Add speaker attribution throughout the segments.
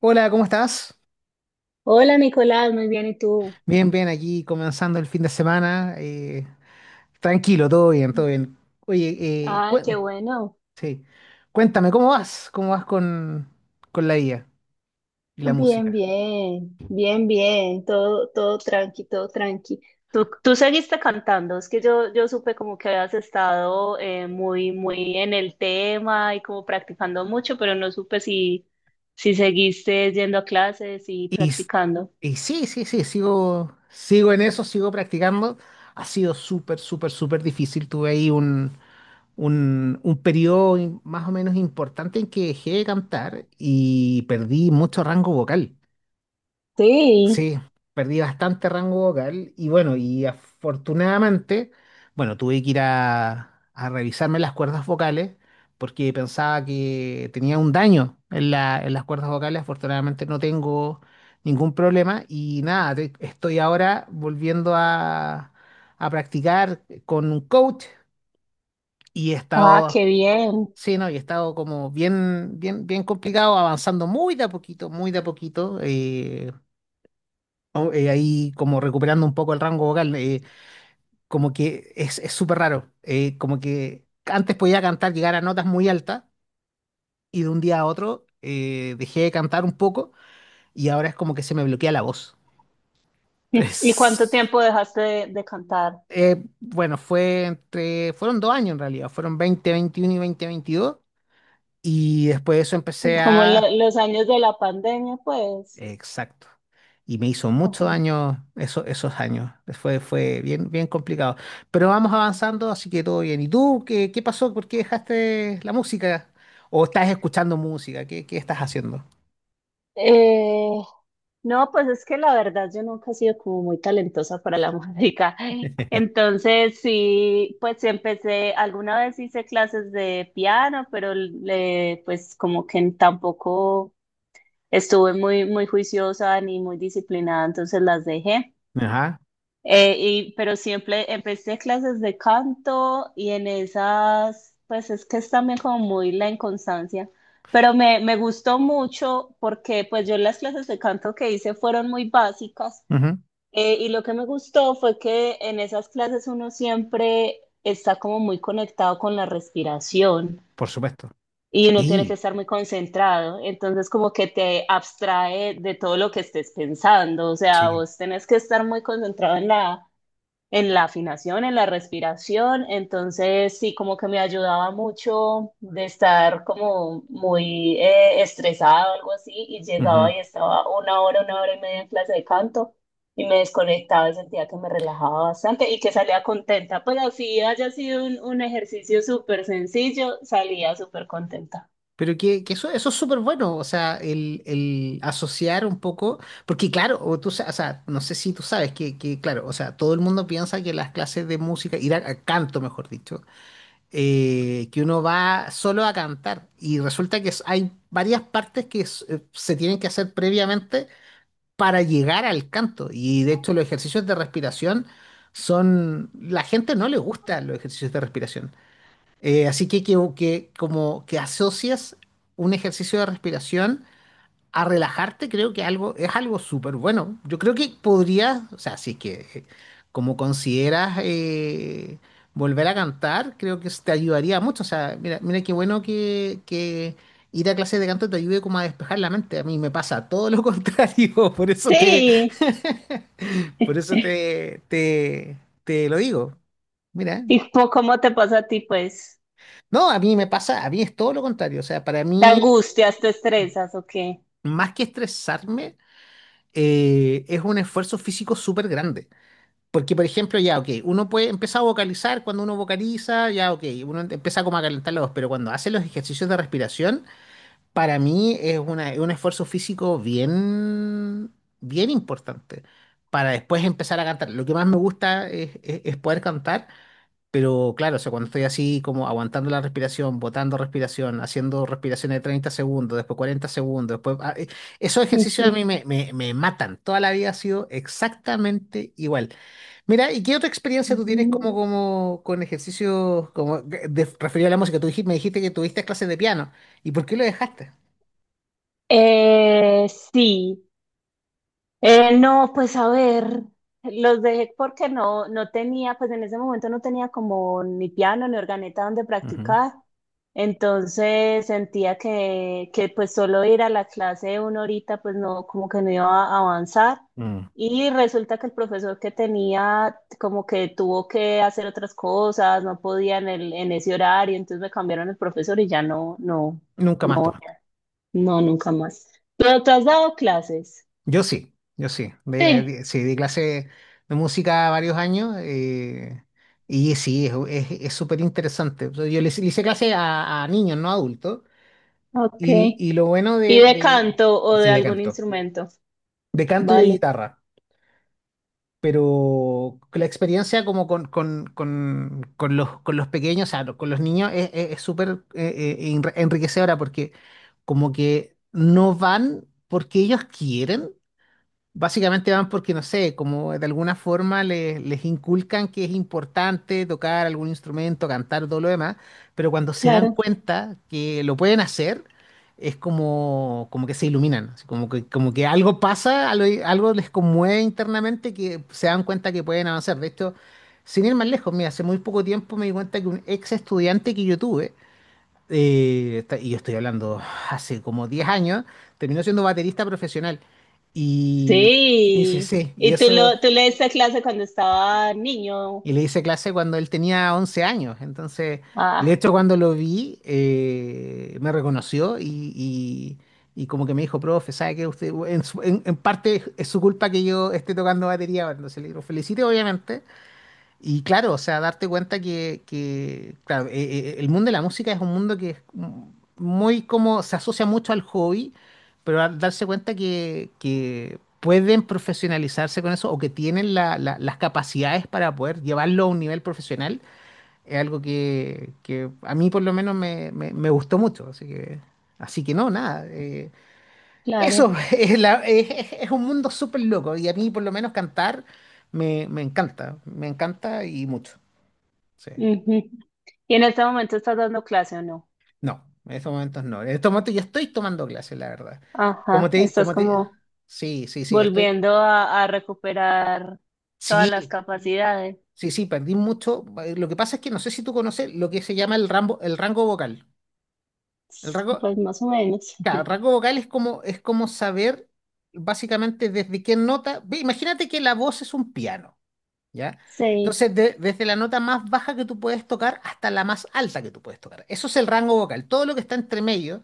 Speaker 1: Hola, ¿cómo estás?
Speaker 2: Hola Nicolás, muy bien, ¿y tú?
Speaker 1: Bien, bien, aquí comenzando el fin de semana. Tranquilo, todo bien, todo bien. Oye,
Speaker 2: Ah, qué bueno.
Speaker 1: sí. Cuéntame, ¿cómo vas? ¿Cómo vas con la IA y la
Speaker 2: Bien,
Speaker 1: música?
Speaker 2: bien, bien, bien, todo, todo tranqui, todo tranqui. Tú seguiste cantando, es que yo supe como que habías estado muy, muy en el tema y como practicando mucho, pero no supe si seguiste yendo a clases y
Speaker 1: Y, s-
Speaker 2: practicando.
Speaker 1: y sí, sí, sí, sigo, sigo en eso, sigo practicando. Ha sido súper, súper, súper difícil. Tuve ahí un más o menos importante en que dejé de cantar y perdí mucho rango vocal.
Speaker 2: Sí,
Speaker 1: Sí, perdí bastante rango vocal y bueno, y afortunadamente, bueno, tuve que ir a revisarme las cuerdas vocales porque pensaba que tenía un daño en en las cuerdas vocales. Afortunadamente no tengo ningún problema y nada, estoy ahora volviendo a practicar con un coach y he
Speaker 2: ah, qué
Speaker 1: estado,
Speaker 2: bien.
Speaker 1: sí, no, y he estado como bien, bien, bien complicado, avanzando muy de a poquito, muy de a poquito. Ahí como recuperando un poco el rango vocal, como que es súper raro, como que antes podía cantar, llegar a notas muy altas y de un día a otro dejé de cantar un poco y ahora es como que se me bloquea la voz.
Speaker 2: ¿Y cuánto
Speaker 1: Entonces,
Speaker 2: tiempo dejaste de cantar?
Speaker 1: bueno, fueron dos años en realidad, fueron 2021 y 2022 y después de eso empecé
Speaker 2: Como en
Speaker 1: a.
Speaker 2: los años de la pandemia, pues.
Speaker 1: Exacto. Y me hizo muchos años, eso, esos años. Fue, fue bien, bien complicado. Pero vamos avanzando, así que todo bien. ¿Y tú qué, qué pasó? ¿Por qué dejaste la música? ¿O estás escuchando música? ¿Qué, qué estás haciendo?
Speaker 2: Eh, no, pues es que la verdad yo nunca he sido como muy talentosa para la música. Entonces, sí, pues sí empecé, alguna vez hice clases de piano, pero le, pues como que tampoco estuve muy, muy juiciosa ni muy disciplinada, entonces las dejé.
Speaker 1: Ajá.
Speaker 2: Pero siempre empecé clases de canto y en esas, pues es que es también como muy la inconstancia, pero me gustó mucho porque pues yo las clases de canto que hice fueron muy básicas,
Speaker 1: Ujú.
Speaker 2: y lo que me gustó fue que en esas clases uno siempre está como muy conectado con la respiración
Speaker 1: Por supuesto.
Speaker 2: y uno tiene que
Speaker 1: Sí,
Speaker 2: estar muy concentrado, entonces como que te abstrae de todo lo que estés pensando, o sea,
Speaker 1: sí.
Speaker 2: vos tenés que estar muy concentrado en la afinación, en la respiración, entonces sí, como que me ayudaba mucho de estar como muy estresada o algo así, y llegaba
Speaker 1: Ujú.
Speaker 2: y estaba una hora y media en clase de canto, y me desconectaba y sentía que me relajaba bastante y que salía contenta, pues así haya sido un ejercicio súper sencillo, salía súper contenta.
Speaker 1: Pero que eso es súper bueno, o sea, el asociar un poco, porque claro, o sea, no sé si tú sabes que, claro, o sea, todo el mundo piensa que las clases de música, ir a canto, mejor dicho, que uno va solo a cantar y resulta que hay varias partes que se tienen que hacer previamente para llegar al canto y de hecho los ejercicios de respiración son. La gente no le gustan los ejercicios de respiración. Así que como que asocias un ejercicio de respiración a relajarte, creo que algo, es algo súper bueno. Yo creo que podrías, o sea, si es que como consideras volver a cantar, creo que eso te ayudaría mucho. O sea, mira, mira qué bueno que ir a clases de canto te ayude como a despejar la mente. A mí me pasa todo lo contrario, por eso te,
Speaker 2: Sí,
Speaker 1: por eso te, te, te lo digo. Mira,
Speaker 2: ¿y cómo te pasa a ti, pues?
Speaker 1: no, a mí me pasa, a mí es todo lo contrario. O sea, para
Speaker 2: ¿Te
Speaker 1: mí,
Speaker 2: angustias, te estresas o qué?
Speaker 1: más que estresarme, es un esfuerzo físico súper grande. Porque, por ejemplo, ya, ok, uno puede empezar a vocalizar, cuando uno vocaliza, ya, ok, uno empieza como a calentar la voz, pero cuando hace los ejercicios de respiración, para mí es es un esfuerzo físico bien, bien importante para después empezar a cantar. Lo que más me gusta es, es poder cantar, pero claro, o sea, cuando estoy así como aguantando la respiración, botando respiración, haciendo respiraciones de 30 segundos, después 40 segundos, después. Esos ejercicios a mí me, me, me matan. Toda la vida ha sido exactamente igual. Mira, ¿y qué otra experiencia tú tienes como,
Speaker 2: Ujú.
Speaker 1: como con ejercicios como de, referido a la música? Tú dijiste, me dijiste que tuviste clases de piano. ¿Y por qué lo dejaste?
Speaker 2: Eh, sí. No, pues a ver, los dejé porque no tenía, pues en ese momento no tenía como ni piano ni organeta donde
Speaker 1: Ujú.
Speaker 2: practicar, entonces sentía que pues solo ir a la clase de una horita pues no, como que no iba a avanzar
Speaker 1: Mm.
Speaker 2: y resulta que el profesor que tenía como que tuvo que hacer otras cosas, no podía en en ese horario, entonces me cambiaron el profesor y ya
Speaker 1: Nunca más pues.
Speaker 2: no. No, nunca más. ¿Pero ¿te has dado clases?
Speaker 1: Yo sí, yo sí.
Speaker 2: Sí.
Speaker 1: Sí, di clase de música varios años y sí, es súper interesante. Hice, le hice clase a niños, no a adultos.
Speaker 2: Ok.
Speaker 1: Y lo bueno
Speaker 2: ¿Y
Speaker 1: de,
Speaker 2: de
Speaker 1: de.
Speaker 2: canto o
Speaker 1: Sí,
Speaker 2: de
Speaker 1: de
Speaker 2: algún
Speaker 1: canto.
Speaker 2: instrumento?
Speaker 1: De canto y de
Speaker 2: Vale.
Speaker 1: guitarra. Pero la experiencia como con los pequeños, o sea, con los niños, es es súper enriquecedora porque como que no van porque ellos quieren. Básicamente van porque, no sé, como de alguna forma les inculcan que es importante tocar algún instrumento, cantar, todo lo demás, pero cuando se dan
Speaker 2: Claro.
Speaker 1: cuenta que lo pueden hacer, es como, como que se iluminan, así como que algo pasa, algo, algo les conmueve internamente que se dan cuenta que pueden avanzar. De hecho, sin ir más lejos, mira, hace muy poco tiempo me di cuenta que un ex estudiante que yo tuve, y yo estoy hablando hace como 10 años, terminó siendo baterista profesional. Y sí, sí,
Speaker 2: Sí.
Speaker 1: sí, y
Speaker 2: ¿Y tú,
Speaker 1: eso,
Speaker 2: tú le diste clase cuando estaba niño?
Speaker 1: y le hice clase cuando él tenía 11 años. Entonces, y de
Speaker 2: Ah.
Speaker 1: hecho cuando lo vi, me reconoció y como que me dijo, profe, ¿sabe que usted, en parte es su culpa que yo esté tocando batería ahora? Entonces le digo, felicite, obviamente, y claro, o sea, darte cuenta que, claro, el mundo de la música es un mundo que es muy como, se asocia mucho al hobby, pero al darse cuenta que pueden profesionalizarse con eso o que tienen las capacidades para poder llevarlo a un nivel profesional, es algo que a mí por lo menos me, me gustó mucho. Así que no, nada. Eso
Speaker 2: Claro.
Speaker 1: es, es un mundo súper loco y a mí por lo menos cantar me encanta y mucho. Sí.
Speaker 2: Ujú. ¿Y en este momento estás dando clase o no?
Speaker 1: No, en estos momentos no. En estos momentos yo estoy tomando clases, la verdad. Como
Speaker 2: Ajá,
Speaker 1: te,
Speaker 2: estás
Speaker 1: como te.
Speaker 2: como
Speaker 1: Sí, sí, sí, estoy.
Speaker 2: volviendo a recuperar todas las
Speaker 1: Sí,
Speaker 2: capacidades.
Speaker 1: sí, sí, perdí mucho. Lo que pasa es que no sé si tú conoces lo que se llama el rango vocal. El rango,
Speaker 2: Pues más o menos.
Speaker 1: claro, el rango vocal es como saber básicamente desde qué nota. Imagínate que la voz es un piano. ¿Ya?
Speaker 2: Sí.
Speaker 1: Entonces, desde la nota más baja que tú puedes tocar hasta la más alta que tú puedes tocar. Eso es el rango vocal. Todo lo que está entre medio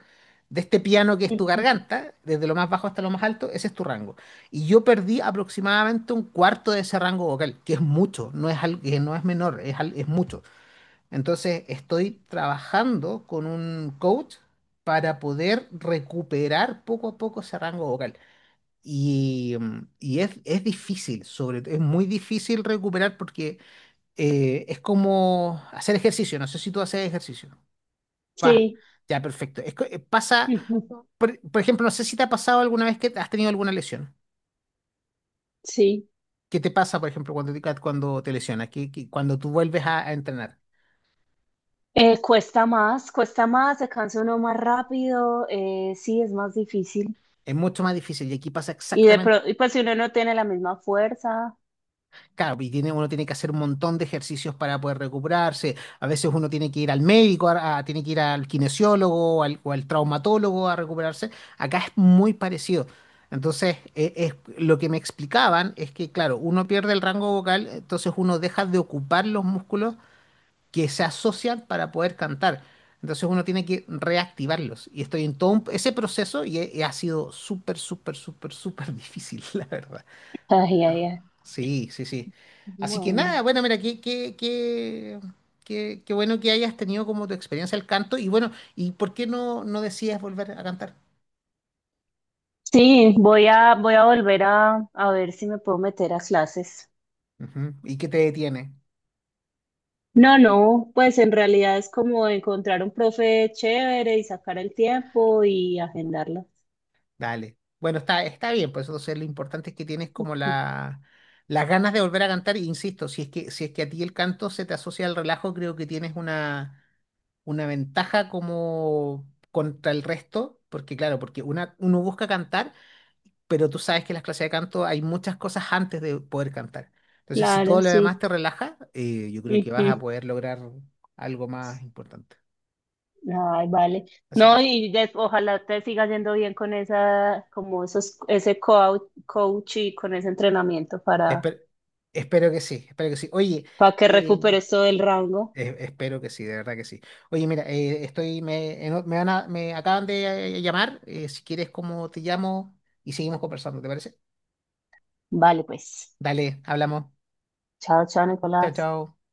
Speaker 1: de este piano que es tu
Speaker 2: Ujú.
Speaker 1: garganta, desde lo más bajo hasta lo más alto, ese es tu rango. Y yo perdí aproximadamente un cuarto de ese rango vocal, que es mucho, no es, que no es menor, es, es mucho. Entonces, estoy trabajando con un coach para poder recuperar poco a poco ese rango vocal. Y es difícil, sobre todo, es muy difícil recuperar porque es como hacer ejercicio. No sé si tú haces ejercicio. Pa,
Speaker 2: Sí,
Speaker 1: ya, perfecto. Pasa,
Speaker 2: ujú.
Speaker 1: por ejemplo, no sé si te ha pasado alguna vez que has tenido alguna lesión.
Speaker 2: Sí.
Speaker 1: ¿Qué te pasa, por ejemplo, cuando te lesionas? Que cuando tú vuelves a entrenar.
Speaker 2: Cuesta más, se cansa uno más rápido, sí, es más difícil.
Speaker 1: Es mucho más difícil y aquí pasa.
Speaker 2: Y y pues si uno no tiene la misma fuerza,
Speaker 1: Claro, y tiene, uno tiene que hacer un montón de ejercicios para poder recuperarse. A veces uno tiene que ir al médico, tiene que ir al kinesiólogo o al traumatólogo a recuperarse. Acá es muy parecido. Entonces, es, lo que me explicaban es que, claro, uno pierde el rango vocal, entonces uno deja de ocupar los músculos que se asocian para poder cantar. Entonces uno tiene que reactivarlos. Y estoy en todo ese proceso y ha sido súper, súper, súper, súper difícil, la verdad.
Speaker 2: ay, ay, ay.
Speaker 1: Sí, sí, sí. Así que nada,
Speaker 2: Bueno.
Speaker 1: bueno, mira, qué, qué, qué, qué, qué bueno que hayas tenido como tu experiencia al canto y bueno, ¿y por qué no, no decides volver a cantar?
Speaker 2: Sí, voy a volver a ver si me puedo meter a clases.
Speaker 1: Ujú, ¿y qué te detiene?
Speaker 2: No, no, pues en realidad es como encontrar un profe chévere y sacar el tiempo y agendarlo.
Speaker 1: Dale. Bueno, está, está bien, pues entonces lo importante es que tienes como la, las ganas de volver a cantar, e insisto, si es que, si es que a ti el canto se te asocia al relajo, creo que tienes una ventaja como contra el resto, porque claro, porque una, uno busca cantar pero tú sabes que en las clases de canto hay muchas cosas antes de poder cantar. Entonces, si todo
Speaker 2: Claro,
Speaker 1: lo
Speaker 2: sí.
Speaker 1: demás te relaja, yo creo que vas a
Speaker 2: Ujú.
Speaker 1: poder lograr algo más importante.
Speaker 2: Ay, vale.
Speaker 1: Así que
Speaker 2: No,
Speaker 1: es.
Speaker 2: y ojalá te siga yendo bien con esa, como esos, ese coach y con ese entrenamiento
Speaker 1: Espe- Espero que sí, espero que sí. Oye,
Speaker 2: para que
Speaker 1: eh,
Speaker 2: recuperes todo el rango.
Speaker 1: espero que sí, de verdad que sí. Oye, mira, estoy, me van me acaban de llamar. Si quieres, como te llamo y seguimos conversando, ¿te parece?
Speaker 2: Vale, pues.
Speaker 1: Dale, hablamos.
Speaker 2: Chao, chao,
Speaker 1: Chao,
Speaker 2: Nicolás.
Speaker 1: chao.